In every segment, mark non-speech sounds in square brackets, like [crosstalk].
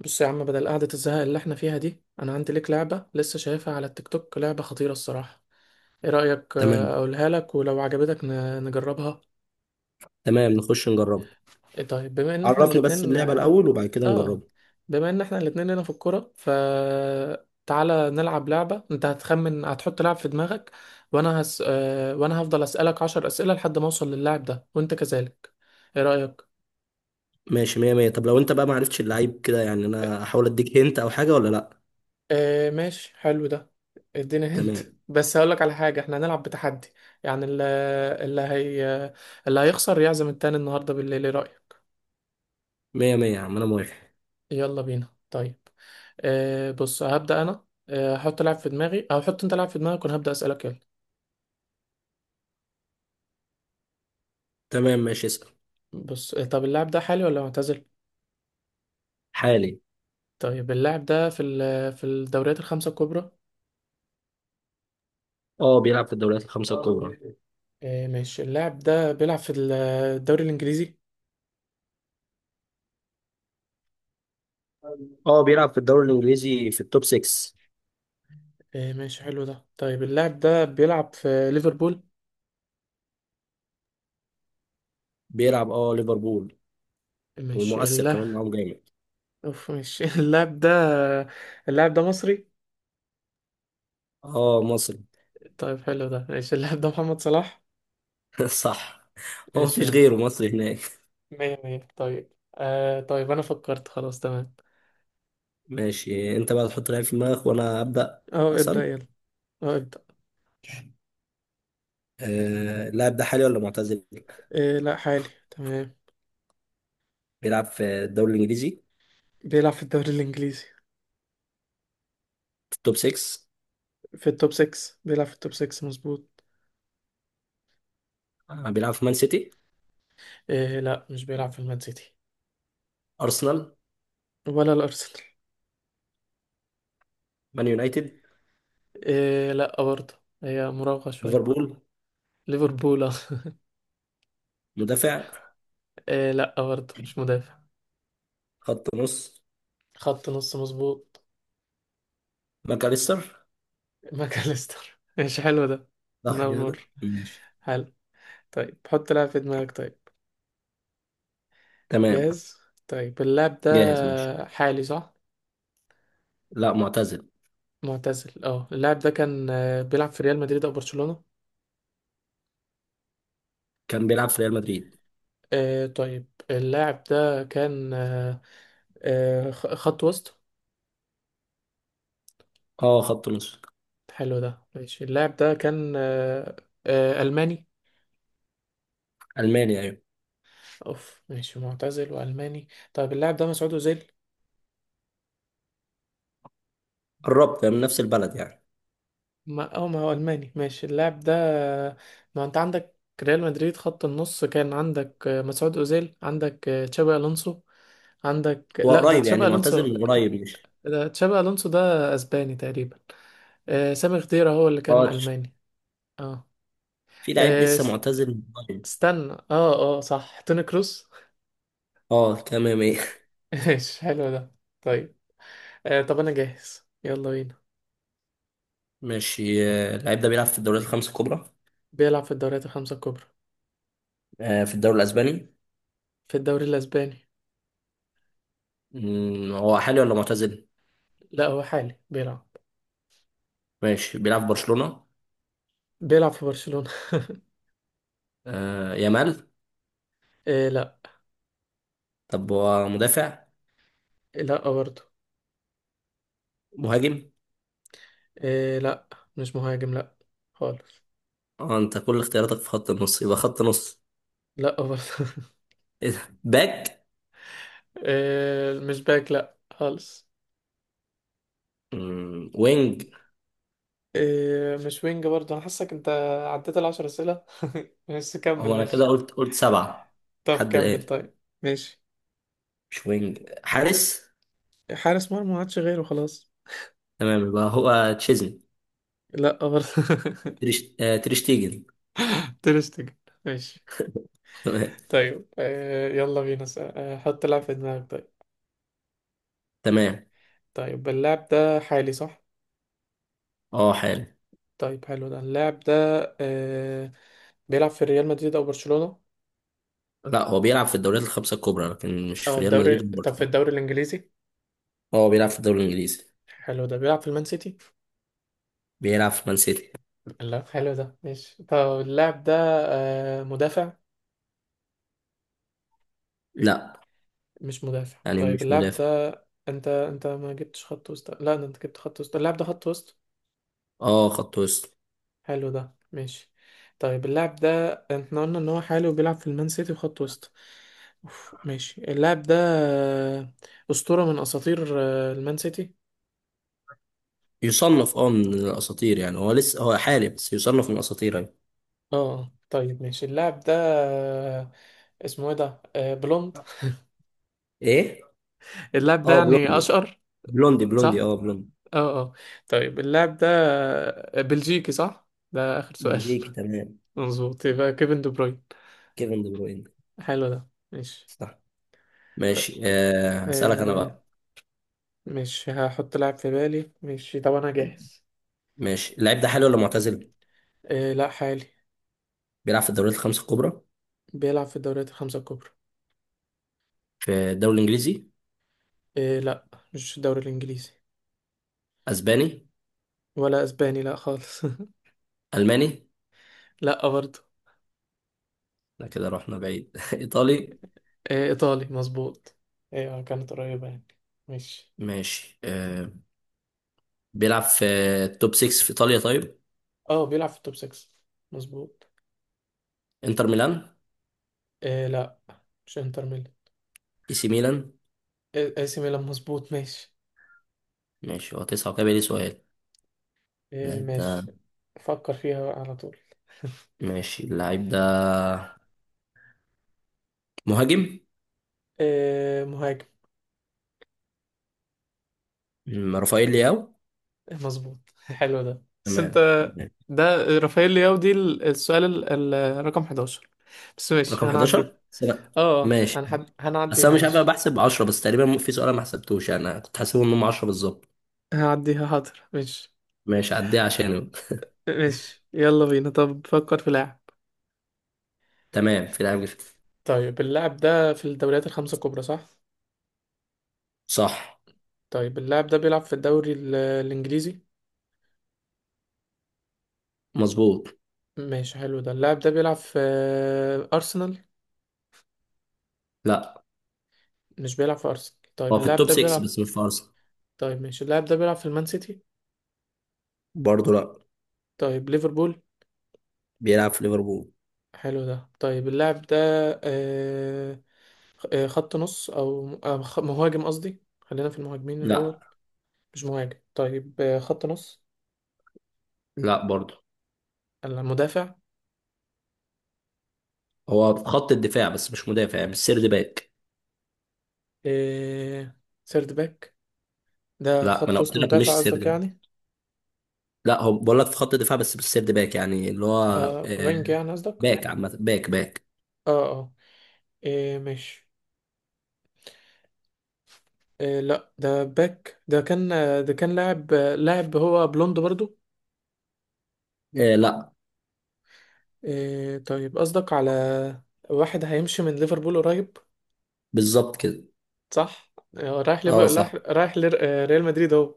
بص يا عم، بدل قعدة الزهق اللي احنا فيها دي، انا عندي ليك لعبة لسه شايفها على التيك توك. لعبة خطيرة الصراحة. ايه رأيك؟ تمام. اقولها لك ولو عجبتك نجربها. تمام، نخش نجربها. ايه طيب، بما ان احنا عرفني بس الاتنين اللعبة الأول وبعد كده آه، نجربها. بما ان احنا الاتنين لنا في الكورة، ف تعالى نلعب لعبة. انت هتخمن، هتحط لاعب في دماغك وانا هس... آه، وانا هفضل اسألك عشر اسئلة لحد ما اوصل للاعب ده، وانت كذلك. ايه رأيك؟ ماشي، مية مية. طب لو أنت بقى معرفتش اللعيب كده يعني أنا أحاول أديك هنت أو حاجة، ولا لأ؟ آه ماشي، حلو ده. اديني هنت. تمام. بس هقولك على حاجة، احنا هنلعب بتحدي، يعني اللي هي اللي هيخسر يعزم التاني النهاردة بالليل. ايه رأيك؟ مية مية يا عم، أنا موافق. يلا بينا طيب. آه بص، هبدأ انا. هحط لاعب في دماغي او حط انت لاعب في دماغك، وانا هبدأ أسألك. يلا. تمام، ماشي، اسأل. بص، طب اللاعب ده حالي ولا معتزل؟ حالي. طيب اللاعب ده في في الدوريات الخمسة الكبرى؟ أه، بيلعب في الدوريات الخمسة الكبرى. آه ماشي، اللاعب ده بيلعب في الدوري الإنجليزي. أه، بيلعب في الدوري الإنجليزي في التوب 6. آه ماشي، حلو ده. طيب اللاعب ده بيلعب في ليفربول؟ بيلعب، أه، ليفربول. ماشي. ومؤثر كمان معاهم جامد. اوف، مش [laughs] اللاعب ده. اللاعب ده مصري؟ أه، مصري. طيب حلو ده ماشي. اللاعب ده محمد صلاح. [laughs] صح. هو ماشي يا مفيش عم. غيره مصري هناك. مية مية. طيب، آه طيب انا فكرت خلاص، تمام. ماشي، أنت بقى تحط لعيب في دماغك وأنا أبدأ اه ابدأ أسأل. يلا. اه ابدأ. اللاعب ده حالي ولا معتزل؟ آه لا، حالي، تمام. بيلعب في الدوري الانجليزي. بيلعب في الدوري الانجليزي. في التوب 6. في التوب 6. بيلعب في التوب 6، مظبوط. بيلعب في مان سيتي؟ آه لا، مش بيلعب في المان سيتي. ارسنال؟ ولا الارسنال. مان يونايتد؟ آه لا برضه. هي مراوغة شوية. ليفربول؟ ليفربول، آه. [laughs] مدافع؟ لا برضه، مش مدافع. خط نص. خط نص، مظبوط. ماكاليستر. ماكاليستر. ماشي حلو ده. من صح أول كده؟ مرة. ماشي، حلو. طيب حط لعب في دماغك طيب. تمام. جاهز. طيب اللاعب ده جاهز. ماشي. حالي صح؟ لا، معتزل. معتزل. اه اللاعب ده كان بيلعب في ريال مدريد او برشلونة؟ كان بيلعب في ريال مدريد. آه طيب، اللاعب ده كان خط وسط. اه، خط نص. حلو ده ماشي. اللاعب ده كان آه ألماني. الماني، ايوه. اوف ماشي، معتزل وألماني. طيب اللاعب ده مسعود أوزيل. قربت يعني من نفس البلد يعني. ما اه، ما هو الماني. ماشي اللاعب ده، ما انت عندك ريال مدريد، خط النص، كان عندك مسعود اوزيل، عندك تشابي الونسو، عندك. هو لا، ده قريب تشابي يعني، معتزل الونسو، من قريب، مش... ده تشابي الونسو، ده اسباني تقريبا. سامي خضيرة هو اللي كان اه. الماني. اه. في لعيب آه، لسه س- معتزل من قريب. استنى. اه اه، صح، توني كروس. اه، تمام، ايه. [laughs] [laughs] ماشي حلو ده. طيب، طب انا جاهز، يلا بينا. ماشي. اللعيب ده بيلعب في الدوريات الخمس الكبرى. بيلعب في الدوريات الخمسة الكبرى. في الدوري الاسباني. في الدوري الاسباني. هو حالي ولا معتزل؟ لا هو حالي، بيلعب. ماشي، بيلعب في برشلونة. بيلعب في برشلونة. آه، يامال. [laughs] لا. طب هو مدافع؟ لا برضه. مهاجم؟ إيه لا، مش مهاجم لا خالص. اه، انت كل اختياراتك في خط النص، يبقى خط نص. لا برضه. [laughs] ايه ده، باك؟ إيه مش باك، لا خالص. وينج؟ إيه مش وينج برضه. انا حاسك انت عديت العشر اسئله، [laughs] بس كمل هو انا كده ماشي. قلت سبعة طب لحد كمل الآن. طيب. ماشي. مش وينج، حارس. حارس مرمى، ما عادش غيره خلاص. تمام، يبقى هو تشيزني. لا برضه. [laughs] تريشتيجن. ترستج. ماشي. [laughs] تمام. طيب إيه، يلا بينا. حط لاعب في دماغك طيب. تمام. طيب اللاعب ده حالي صح؟ اه، حارس. طيب حلو ده، اللاعب ده إيه، بيلعب في ريال مدريد او برشلونة؟ لا، هو بيلعب في الدوريات الخمسة الكبرى لكن مش اه في ريال الدوري، مدريد طب في وبرشلونة. الدوري الانجليزي. هو بيلعب في الدوري الإنجليزي. حلو ده. بيلعب في المان سيتي؟ بيلعب في مان سيتي. لا حلو ده ماشي. طب اللاعب ده مدافع؟ لا، مش مدافع. يعني طيب مش اللاعب مدافع. ده، انت ما جبتش خط وسط. لا ده انت جبت خط وسط. اللاعب ده خط وسط. اه، خط وسط. حلو ده ماشي. طيب اللاعب ده، احنا قلنا ان هو حالي وبيلعب في المان سيتي وخط وسط. أوف. ماشي. اللاعب ده آه، أسطورة من أساطير المان سيتي. يصنف اه من الاساطير يعني، هو لسه هو حالي بس يصنف من الاساطير يعني. اه طيب ماشي. اللاعب ده آه، اسمه ايه ده، بلوند، ايه. اللاعب ده اه، يعني بلوندي اشقر؟ بلوندي بلوندي صح. اه بلوندي. اه اه. طيب اللاعب ده بلجيكي صح؟ ده اخر سؤال. بلجيكي، تمام. [laughs] مظبوط. يبقى كيفن دي بروين. كيفن دي بروين. حلو ده ماشي. صح. طيب ماشي، هسألك انا آه، بقى. مش هحط لاعب في بالي، ماشي. طب انا جاهز. ماشي، اللاعب ده حالي ولا معتزل؟ آه لا، حالي. بيلعب في الدوريات الخمسة الكبرى. بيلعب في الدوريات الخمسة الكبرى. في الدوري الانجليزي. آه لا، مش الدوري الانجليزي. اسباني. ولا اسباني، لا خالص. [laughs] الماني. لا برضه. لا كده رحنا بعيد. [laughs] ايطالي. آه ايطالي، مظبوط. ايوه كانت قريبة يعني. ماشي. ماشي. بيلعب في التوب 6 في ايطاليا، طيب. اه بيلعب في التوب 6، مظبوط. انتر ميلان؟ آه لا، مش انتر ميلان. اي سي ميلان. اي سي ميلان، مظبوط. ماشي. ماشي، هو تسعة وكده بقى لي سؤال. إيه اللاعب ده... ماشي. فكر فيها على طول. ماشي، اللعيب ده مهاجم؟ إيه مهاجم. رافائيل لياو. مظبوط. [laughs] حلو ده، بس انت، تمام. تمام. ده رافائيل لياو. دي السؤال رقم 11، بس ماشي رقم هنعديها. 11 سنة؟ اه اه، ماشي، بس انا هنعديها مش عارف، انا مش. بحسب 10 بس تقريبا، في سؤال أنا ما حسبتوش يعني. انا كنت حاسبهم انهم 10 بالظبط. هنعديها، حاضر، مش. ماشي، عديها عشانه. مش، يلا بينا. طب فكر في لاعب. تمام، في لعيب طيب اللاعب ده في الدوريات الخمسة الكبرى صح؟ صح، طيب اللاعب ده بيلعب في الدوري الإنجليزي. مظبوط. ماشي حلو ده. اللاعب ده بيلعب في أرسنال؟ لا، مش بيلعب في أرسنال. طيب هو في اللاعب التوب ده 6 بيلعب. بس مش في ارسنال. طيب ماشي، اللاعب ده بيلعب في المان سيتي؟ برضه لا. طيب ليفربول؟ بيلعب في ليفربول. حلو ده. طيب اللاعب ده آه، خط نص أو مهاجم، قصدي خلينا في المهاجمين لا. الأول. مش مهاجم. طيب خط نص. لا برضه. المدافع. هو في خط الدفاع بس مش مدافع، يعني مش سيرد باك. آه، سيرد باك. ده لا، ما خط انا قلت وسط لك مدافع مش سيرد قصدك باك. يعني. لا، هو بقول لك في خط الدفاع بس مش سيرد باك، يعني اللي هو... آه، وينج يعني قصدك. باك عامة، باك باك. اه اه. ماشي. لا، ده باك. ده كان ده كان لاعب، لاعب هو بلوند برضو. إيه لا. إيه طيب قصدك على واحد هيمشي من ليفربول قريب. بالظبط كده. صح. رايح اه، ليفر، صح، رايح ريال مدريد اهو.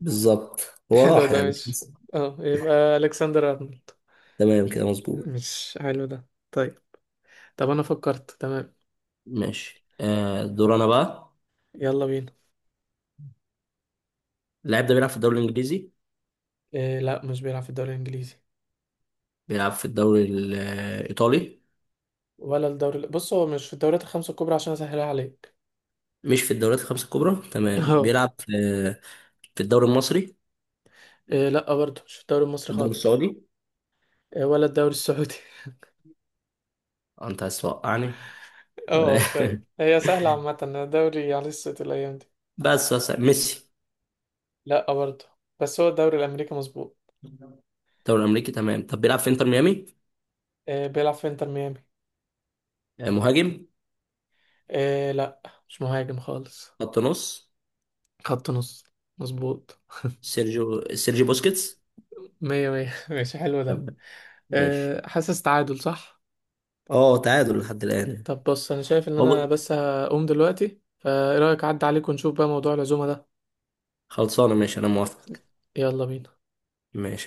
بالظبط. [laughs] هو حلو راح ده، يعني، مش مش. لسه. اه يبقى الكسندر ارنولد. تمام كده، مظبوط. مش، حلو ده طيب. طب انا فكرت تمام. ماشي، دور انا بقى. يلا بينا. اللاعب ده بيلعب في الدوري الانجليزي؟ إيه لا، مش بيلعب في الدوري الانجليزي. بيلعب في الدوري الايطالي؟ ولا الدوري بص، هو مش في الدوريات الخمسة الكبرى عشان اسهلها عليك. مش في الدوريات الخمسة الكبرى، [laughs] تمام. اهو. بيلعب في الدوري المصري؟ إيه لا برضه، مش في الدوري في المصري الدوري خالص. السعودي؟ إيه ولا الدوري السعودي. [laughs] آه، انت عايز توقعني. [laughs] اه شوية، تمام. هي سهلة عامة الدوري على الست الأيام دي. بس ميسي؟ لا برضه. بس هو الدوري الامريكي، مظبوط. الدوري الامريكي، تمام. طب بيلعب في انتر ميامي. آه بيلعب في انتر ميامي. آه، مهاجم؟ آه لا، مش مهاجم خالص. خط نص. خط نص. مظبوط. سيرجيو بوسكيتس. مية مية. [laughs] ماشي حلو ده. تمام. ماشي. آه حاسس تعادل صح؟ اه، تعادل لحد الآن. طب بص، انا شايف ان انا وب... بس هقوم دلوقتي، فايه رايك اعدي عليك ونشوف بقى موضوع العزومه ده؟ خلصانة، ماشي، أنا موافق. يلا بينا. ماشي.